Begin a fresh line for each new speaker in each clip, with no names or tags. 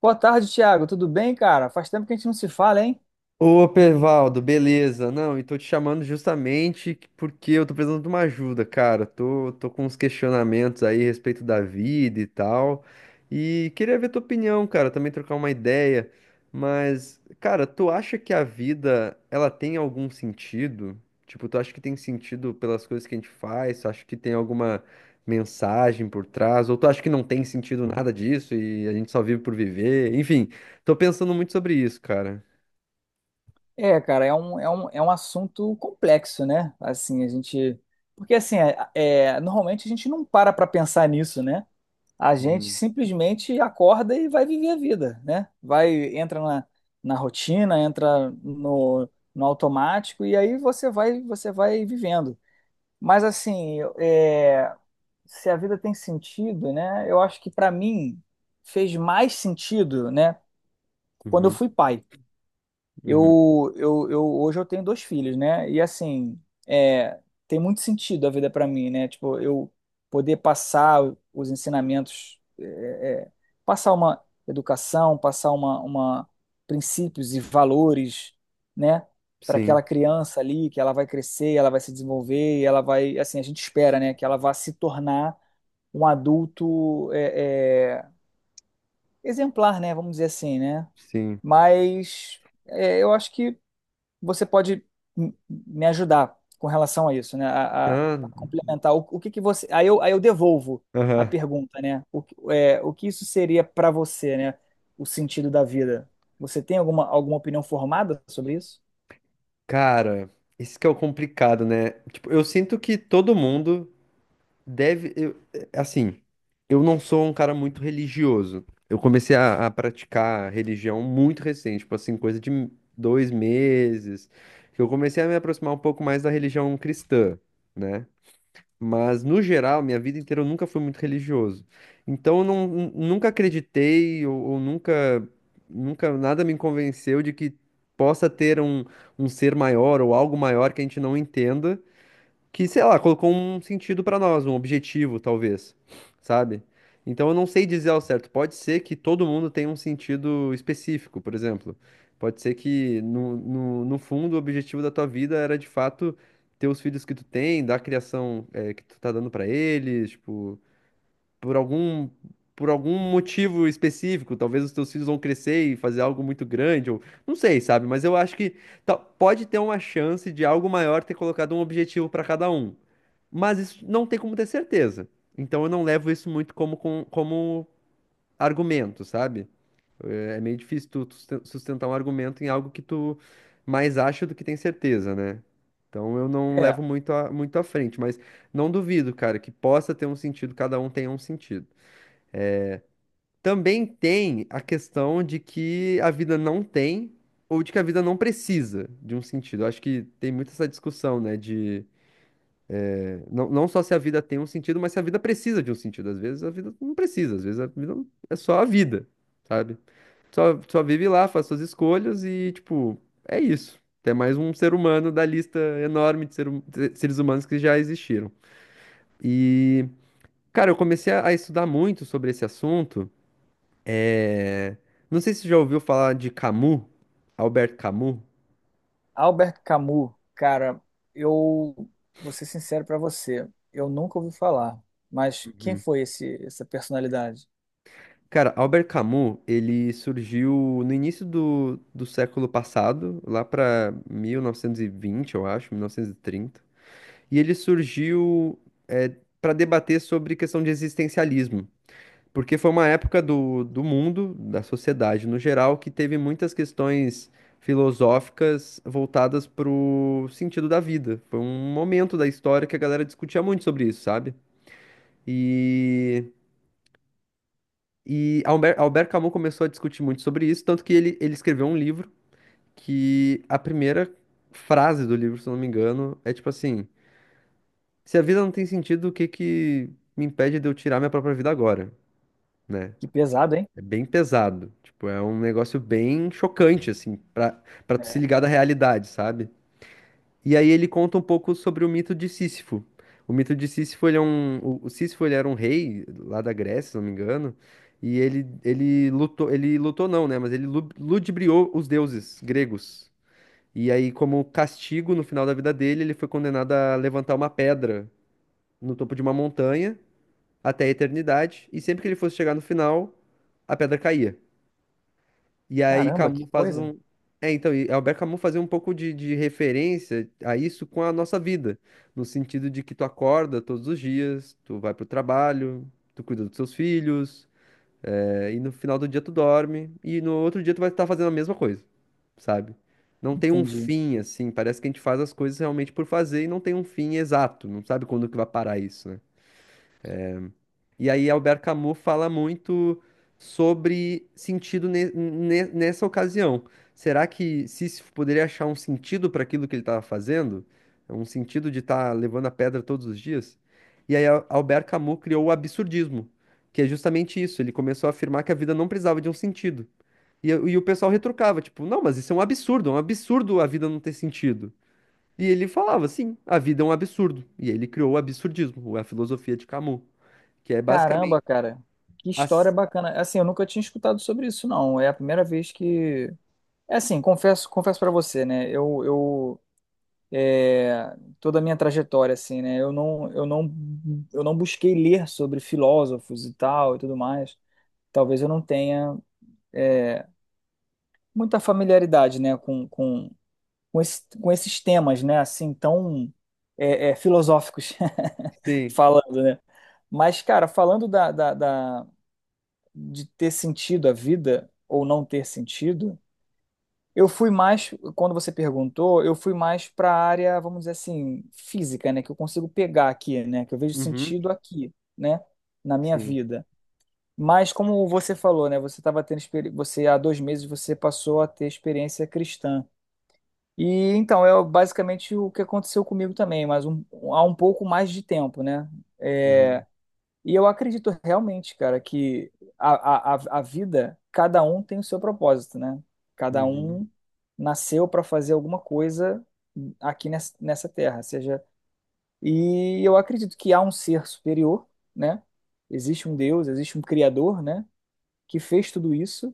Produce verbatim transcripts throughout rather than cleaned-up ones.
Boa tarde, Thiago. Tudo bem, cara? Faz tempo que a gente não se fala, hein?
Ô, Pervaldo, beleza? Não, e tô te chamando justamente porque eu tô precisando de uma ajuda, cara. Tô, tô com uns questionamentos aí a respeito da vida e tal. E queria ver tua opinião, cara, também trocar uma ideia. Mas, cara, tu acha que a vida, ela tem algum sentido? Tipo, tu acha que tem sentido pelas coisas que a gente faz? Tu acha que tem alguma mensagem por trás? Ou tu acha que não tem sentido nada disso e a gente só vive por viver? Enfim, tô pensando muito sobre isso, cara.
É, cara, é um, é um, é um assunto complexo, né? Assim, a gente. Porque, assim, é, é, normalmente a gente não para pra pensar nisso, né? A gente
Uhum.
simplesmente acorda e vai viver a vida, né? Vai, entra na, na rotina, entra no, no automático e aí você vai, você vai vivendo. Mas, assim, é, se a vida tem sentido, né? Eu acho que pra mim fez mais sentido, né, quando eu
Uhum,
fui pai.
uhum.
Eu, eu, eu Hoje eu tenho dois filhos, né? E assim, é, tem muito sentido a vida para mim, né? Tipo, eu poder passar os ensinamentos, é, é, passar uma educação, passar uma, uma princípios e valores, né? Para
Sim,
aquela criança ali, que ela vai crescer, ela vai se desenvolver, e ela vai, assim, a gente espera, né? Que ela vá se tornar um adulto é, é, exemplar, né? Vamos dizer assim, né?
sim.
Mas é, eu acho que você pode m- me ajudar com relação a isso, né? A, a-
Ah,
a complementar. O, o que que você. Aí eu, aí eu devolvo a
aham.
pergunta, né? O, que- é, o que isso seria para você, né? O sentido da vida. Você tem alguma, alguma opinião formada sobre isso?
Cara, isso que é o complicado, né? Tipo, eu sinto que todo mundo deve. Eu- eh, assim, eu não sou um cara muito religioso. Eu comecei a, a praticar religião muito recente, tipo assim, coisa de dois meses, que eu comecei a me aproximar um pouco mais da religião cristã, né? Mas, no geral, minha vida inteira eu nunca fui muito religioso. Então, eu não, nun- nunca acreditei ou, ou nunca, nunca nada me convenceu de que possa ter um, um ser maior ou algo maior que a gente não entenda que, sei lá, colocou um sentido pra nós, um objetivo, talvez, sabe? Então eu não sei dizer ao certo. Pode ser que todo mundo tenha um sentido específico, por exemplo. Pode ser que no, no, no fundo o objetivo da tua vida era de fato ter os filhos que tu tem, dar a criação eh, que tu tá dando pra eles, tipo, por algum por algum motivo específico, talvez os teus filhos vão crescer e fazer algo muito grande, ou não sei, sabe? Mas eu acho que ta- pode ter uma chance de algo maior ter colocado um objetivo para cada um. Mas isso não tem como ter certeza. Então eu não levo isso muito como, com- como argumento, sabe? É é meio difícil tu susten- sustentar um argumento em algo que tu mais acha do que tem certeza, né? Então eu não
É,
levo muito a, muito à frente, mas não duvido, cara, que possa ter um sentido, cada um tenha um sentido. Também tem a questão de que a vida não tem ou de que a vida não precisa de um sentido. Eu acho que tem muito essa discussão, né? De eh, não, não só se a vida tem um sentido, mas se a vida precisa de um sentido. Às vezes a vida não precisa, às vezes a vida não- é só a vida, sabe? Só, só vive lá, faz suas escolhas e, tipo, é isso. É mais um ser humano da lista enorme de ser hum- de seres humanos que já existiram. E, cara, eu comecei a a estudar muito sobre esse assunto. É, Não sei se você já ouviu falar de Camus, Albert Camus.
Albert Camus, cara, eu vou ser sincero para você, eu nunca ouvi falar. Mas quem
Uhum.
foi esse, essa personalidade?
Cara, Albert Camus, ele surgiu no início do, do século passado, lá para mil novecentos e vinte, eu acho, mil novecentos e trinta. E trinta. E ele surgiu para debater sobre questão de existencialismo. Porque foi uma época do, do mundo, da sociedade no geral, que teve muitas questões filosóficas voltadas pro sentido da vida. Foi um momento da história que a galera discutia muito sobre isso, sabe? E, e Albert, Albert Camus começou a discutir muito sobre isso, tanto que ele, ele escreveu um livro que a primeira frase do livro, se eu não me engano, é tipo assim: Se a vida não tem sentido, o que que me impede de eu tirar minha própria vida agora? Né?
Que pesado,
É bem pesado. Tipo, é um negócio bem chocante, assim, pra, pra tu se
hein?
ligar da realidade, sabe? E aí ele conta um pouco sobre o mito de Sísifo. O mito de Sísifo, ele é um. O o Sísifo, ele era um rei lá da Grécia, se não me engano, e ele, ele lutou. Ele lutou não, né? Mas ele lu- ludibriou os deuses gregos. E aí, como castigo, no final da vida dele, ele foi condenado a levantar uma pedra no topo de uma montanha até a eternidade, e sempre que ele fosse chegar no final, a pedra caía. E aí
Caramba, que
Camus faz
coisa.
um. É, então, e Albert Camus fazia um pouco de, de referência a isso com a nossa vida, no sentido de que tu acorda todos os dias, tu vai pro trabalho, tu cuida dos teus filhos, é, e no final do dia tu dorme, e no outro dia tu vai estar fazendo a mesma coisa, sabe? Não tem um
Entendi.
fim, assim, parece que a gente faz as coisas realmente por fazer e não tem um fim exato, não sabe quando que vai parar isso, né? E aí Albert Camus fala muito sobre sentido ne- ne- nessa ocasião. Será que Sísifo poderia achar um sentido para aquilo que ele estava fazendo? É. Um sentido de estar levando a pedra todos os dias? E aí Al- Albert Camus criou o absurdismo, que é justamente isso. Ele começou a afirmar que a vida não precisava de um sentido. E, e o pessoal retrucava, tipo, não, mas isso é um absurdo, é um absurdo a vida não ter sentido. E ele falava, sim, a vida é um absurdo. E aí ele criou o absurdismo, a filosofia de Camus, que é basicamente
Caramba, cara. Que
ah,
história bacana. Assim, eu nunca tinha escutado sobre isso, não. É a primeira vez que. É assim, confesso, confesso para você, né? Eu, eu é, toda a minha trajetória, assim, né? Eu não, eu não, eu não busquei ler sobre filósofos e tal e tudo mais. Talvez eu não tenha é, muita familiaridade, né, com, com, com, esse- com esses temas, né, assim, tão é, é, filosóficos
sim.
falando, né? Mas, cara, falando da, da, da- de ter sentido a vida ou não ter sentido, eu fui mais, quando você perguntou, eu fui mais para a área, vamos dizer assim, física, né, que eu consigo pegar aqui, né, que eu vejo
Uhum.
sentido aqui, né, na minha
Sim.
vida. Mas como você falou, né, você estava tendo experi- você há dois meses você passou a ter experiência cristã. E então é basicamente o que aconteceu comigo também, mas um, há um pouco mais de tempo, né? É,
Uhum.
e eu acredito realmente, cara, que a, a, a a vida, cada um tem o seu propósito, né? Cada
Uhum.
um nasceu para fazer alguma coisa aqui nessa, nessa terra, seja. E eu acredito que há um ser superior, né? Existe um Deus, existe um Criador, né? Que fez tudo isso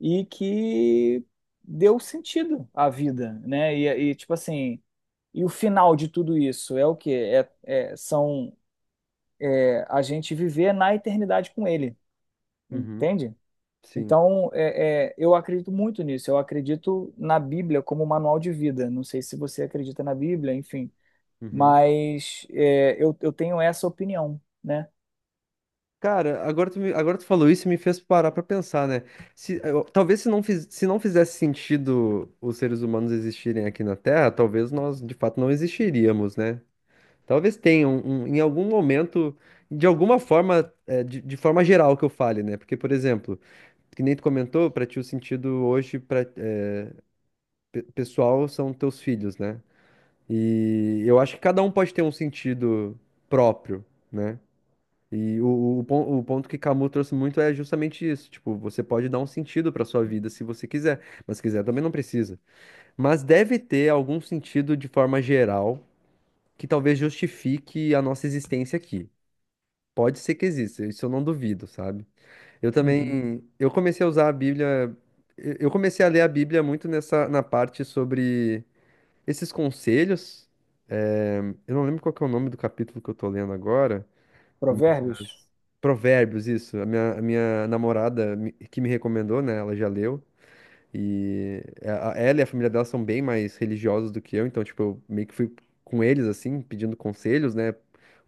e que deu sentido à vida, né? E, e tipo assim, e o final de tudo isso é o quê? É, é, são é, a gente viver na eternidade com Ele,
Uhum.
entende?
Sim.
Então, é, é, eu acredito muito nisso. Eu acredito na Bíblia como manual de vida. Não sei se você acredita na Bíblia, enfim,
Uhum.
mas é, eu, eu tenho essa opinião, né?
Cara, agora tu, me- agora tu falou isso e me fez parar pra pensar, né? Se, eh, eu- talvez se não, fiz- se não fizesse sentido os seres humanos existirem aqui na Terra, talvez nós de fato não existiríamos, né? Talvez tenha um, um- em algum momento, de alguma forma, é, de, de forma geral que eu fale, né? Porque, por exemplo, que nem tu comentou, pra ti o sentido hoje pra, é, pe- pessoal são teus filhos, né? E eu acho que cada um pode ter um sentido próprio, né? E o, o, pon- o ponto que Camus trouxe muito é justamente isso. Tipo, você pode dar um sentido para sua vida se você quiser, mas se quiser também não precisa. Mas deve ter algum sentido de forma geral que talvez justifique a nossa existência aqui. Pode ser que exista, isso eu não duvido, sabe? Eu
Uhum.
também, eu comecei a usar a Bíblia, eu eu comecei a ler a Bíblia muito nessa na parte sobre esses conselhos, eh, eu não lembro qual que é o nome do capítulo que eu tô lendo agora,
Provérbios.
mas Provérbios, isso. A minha, a minha namorada me- que me recomendou, né? Ela já leu. E a- a- ela e a família dela são bem mais religiosos do que eu, então, tipo, eu meio que fui com eles, assim, pedindo conselhos, né?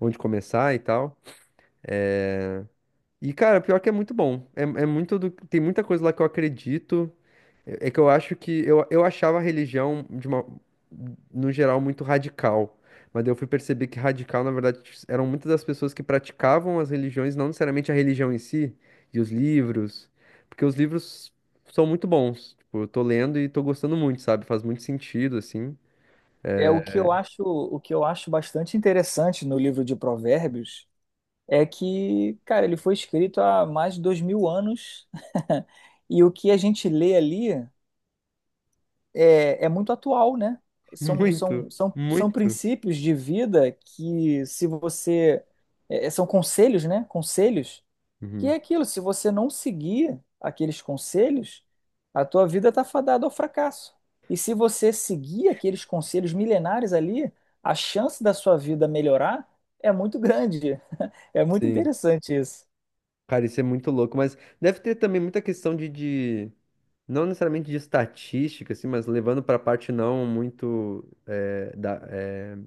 Onde começar e tal. E, cara, pior que é muito bom. É, é muito do, tem muita coisa lá que eu acredito. É é que eu acho que eu, eu achava a religião de uma, no geral muito radical, mas daí eu fui perceber que radical, na verdade, eram muitas das pessoas que praticavam as religiões, não necessariamente a religião em si, e os livros, porque os livros são muito bons. Tipo, eu tô lendo e tô gostando muito, sabe? Faz muito sentido, assim.
É o que
É,
eu acho, o que eu acho bastante interessante no livro de Provérbios é que, cara, ele foi escrito há mais de dois mil anos e o que a gente lê ali é, é muito atual, né? São,
muito,
são, são, são
muito.
princípios de vida que, se você. é, é, são conselhos, né? Conselhos. Que é
Uhum.
aquilo, se você não seguir aqueles conselhos, a tua vida está fadada ao fracasso. E se você seguir aqueles conselhos milenares ali, a chance da sua vida melhorar é muito grande. É muito
Sim.
interessante isso.
Cara, isso é muito louco, mas deve ter também muita questão de, de não necessariamente de estatística, assim, mas levando para a parte não muito eh, da, é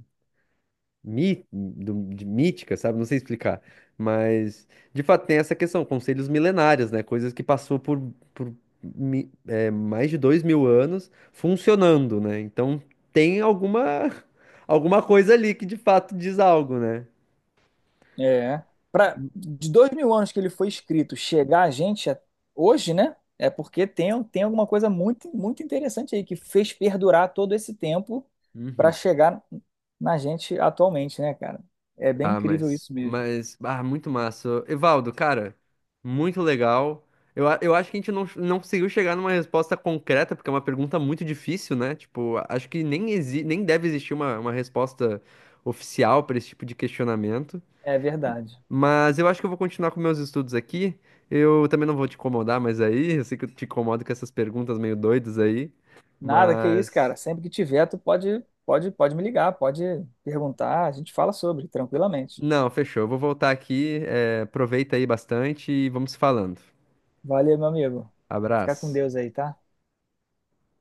mi- do- de mítica, sabe? Não sei explicar. Mas, de fato, tem essa questão, conselhos milenários, né? Coisas que passou por, por mi- eh, mais de dois mil anos funcionando, né? Então, tem alguma, alguma coisa ali que, de fato, diz algo, né?
É. Pra, de dois mil anos que ele foi escrito, chegar a gente a- hoje, né? É porque tem, tem alguma coisa muito, muito interessante aí que fez perdurar todo esse tempo para
Uhum.
chegar na gente atualmente, né, cara? É bem
Ah,
incrível
mas,
isso mesmo.
mas, ah, muito massa. Evaldo, cara, muito legal. Eu, a- eu acho que a gente não, não conseguiu chegar numa resposta concreta, porque é uma pergunta muito difícil, né? Tipo, a- acho que nem, exi nem deve existir uma, uma resposta oficial para esse tipo de questionamento.
É verdade.
Mas eu acho que eu vou continuar com meus estudos aqui. Eu também não vou te incomodar mais aí. Eu sei que eu te incomodo com essas perguntas meio doidas aí.
Nada que isso,
Mas,
cara. Sempre que tiver, tu pode, pode, pode me ligar, pode perguntar, a gente fala sobre, tranquilamente.
não, fechou. Eu vou voltar aqui. Eh, aproveita aí bastante e vamos se falando.
Valeu, meu amigo. Fica com
Abraço.
Deus aí, tá?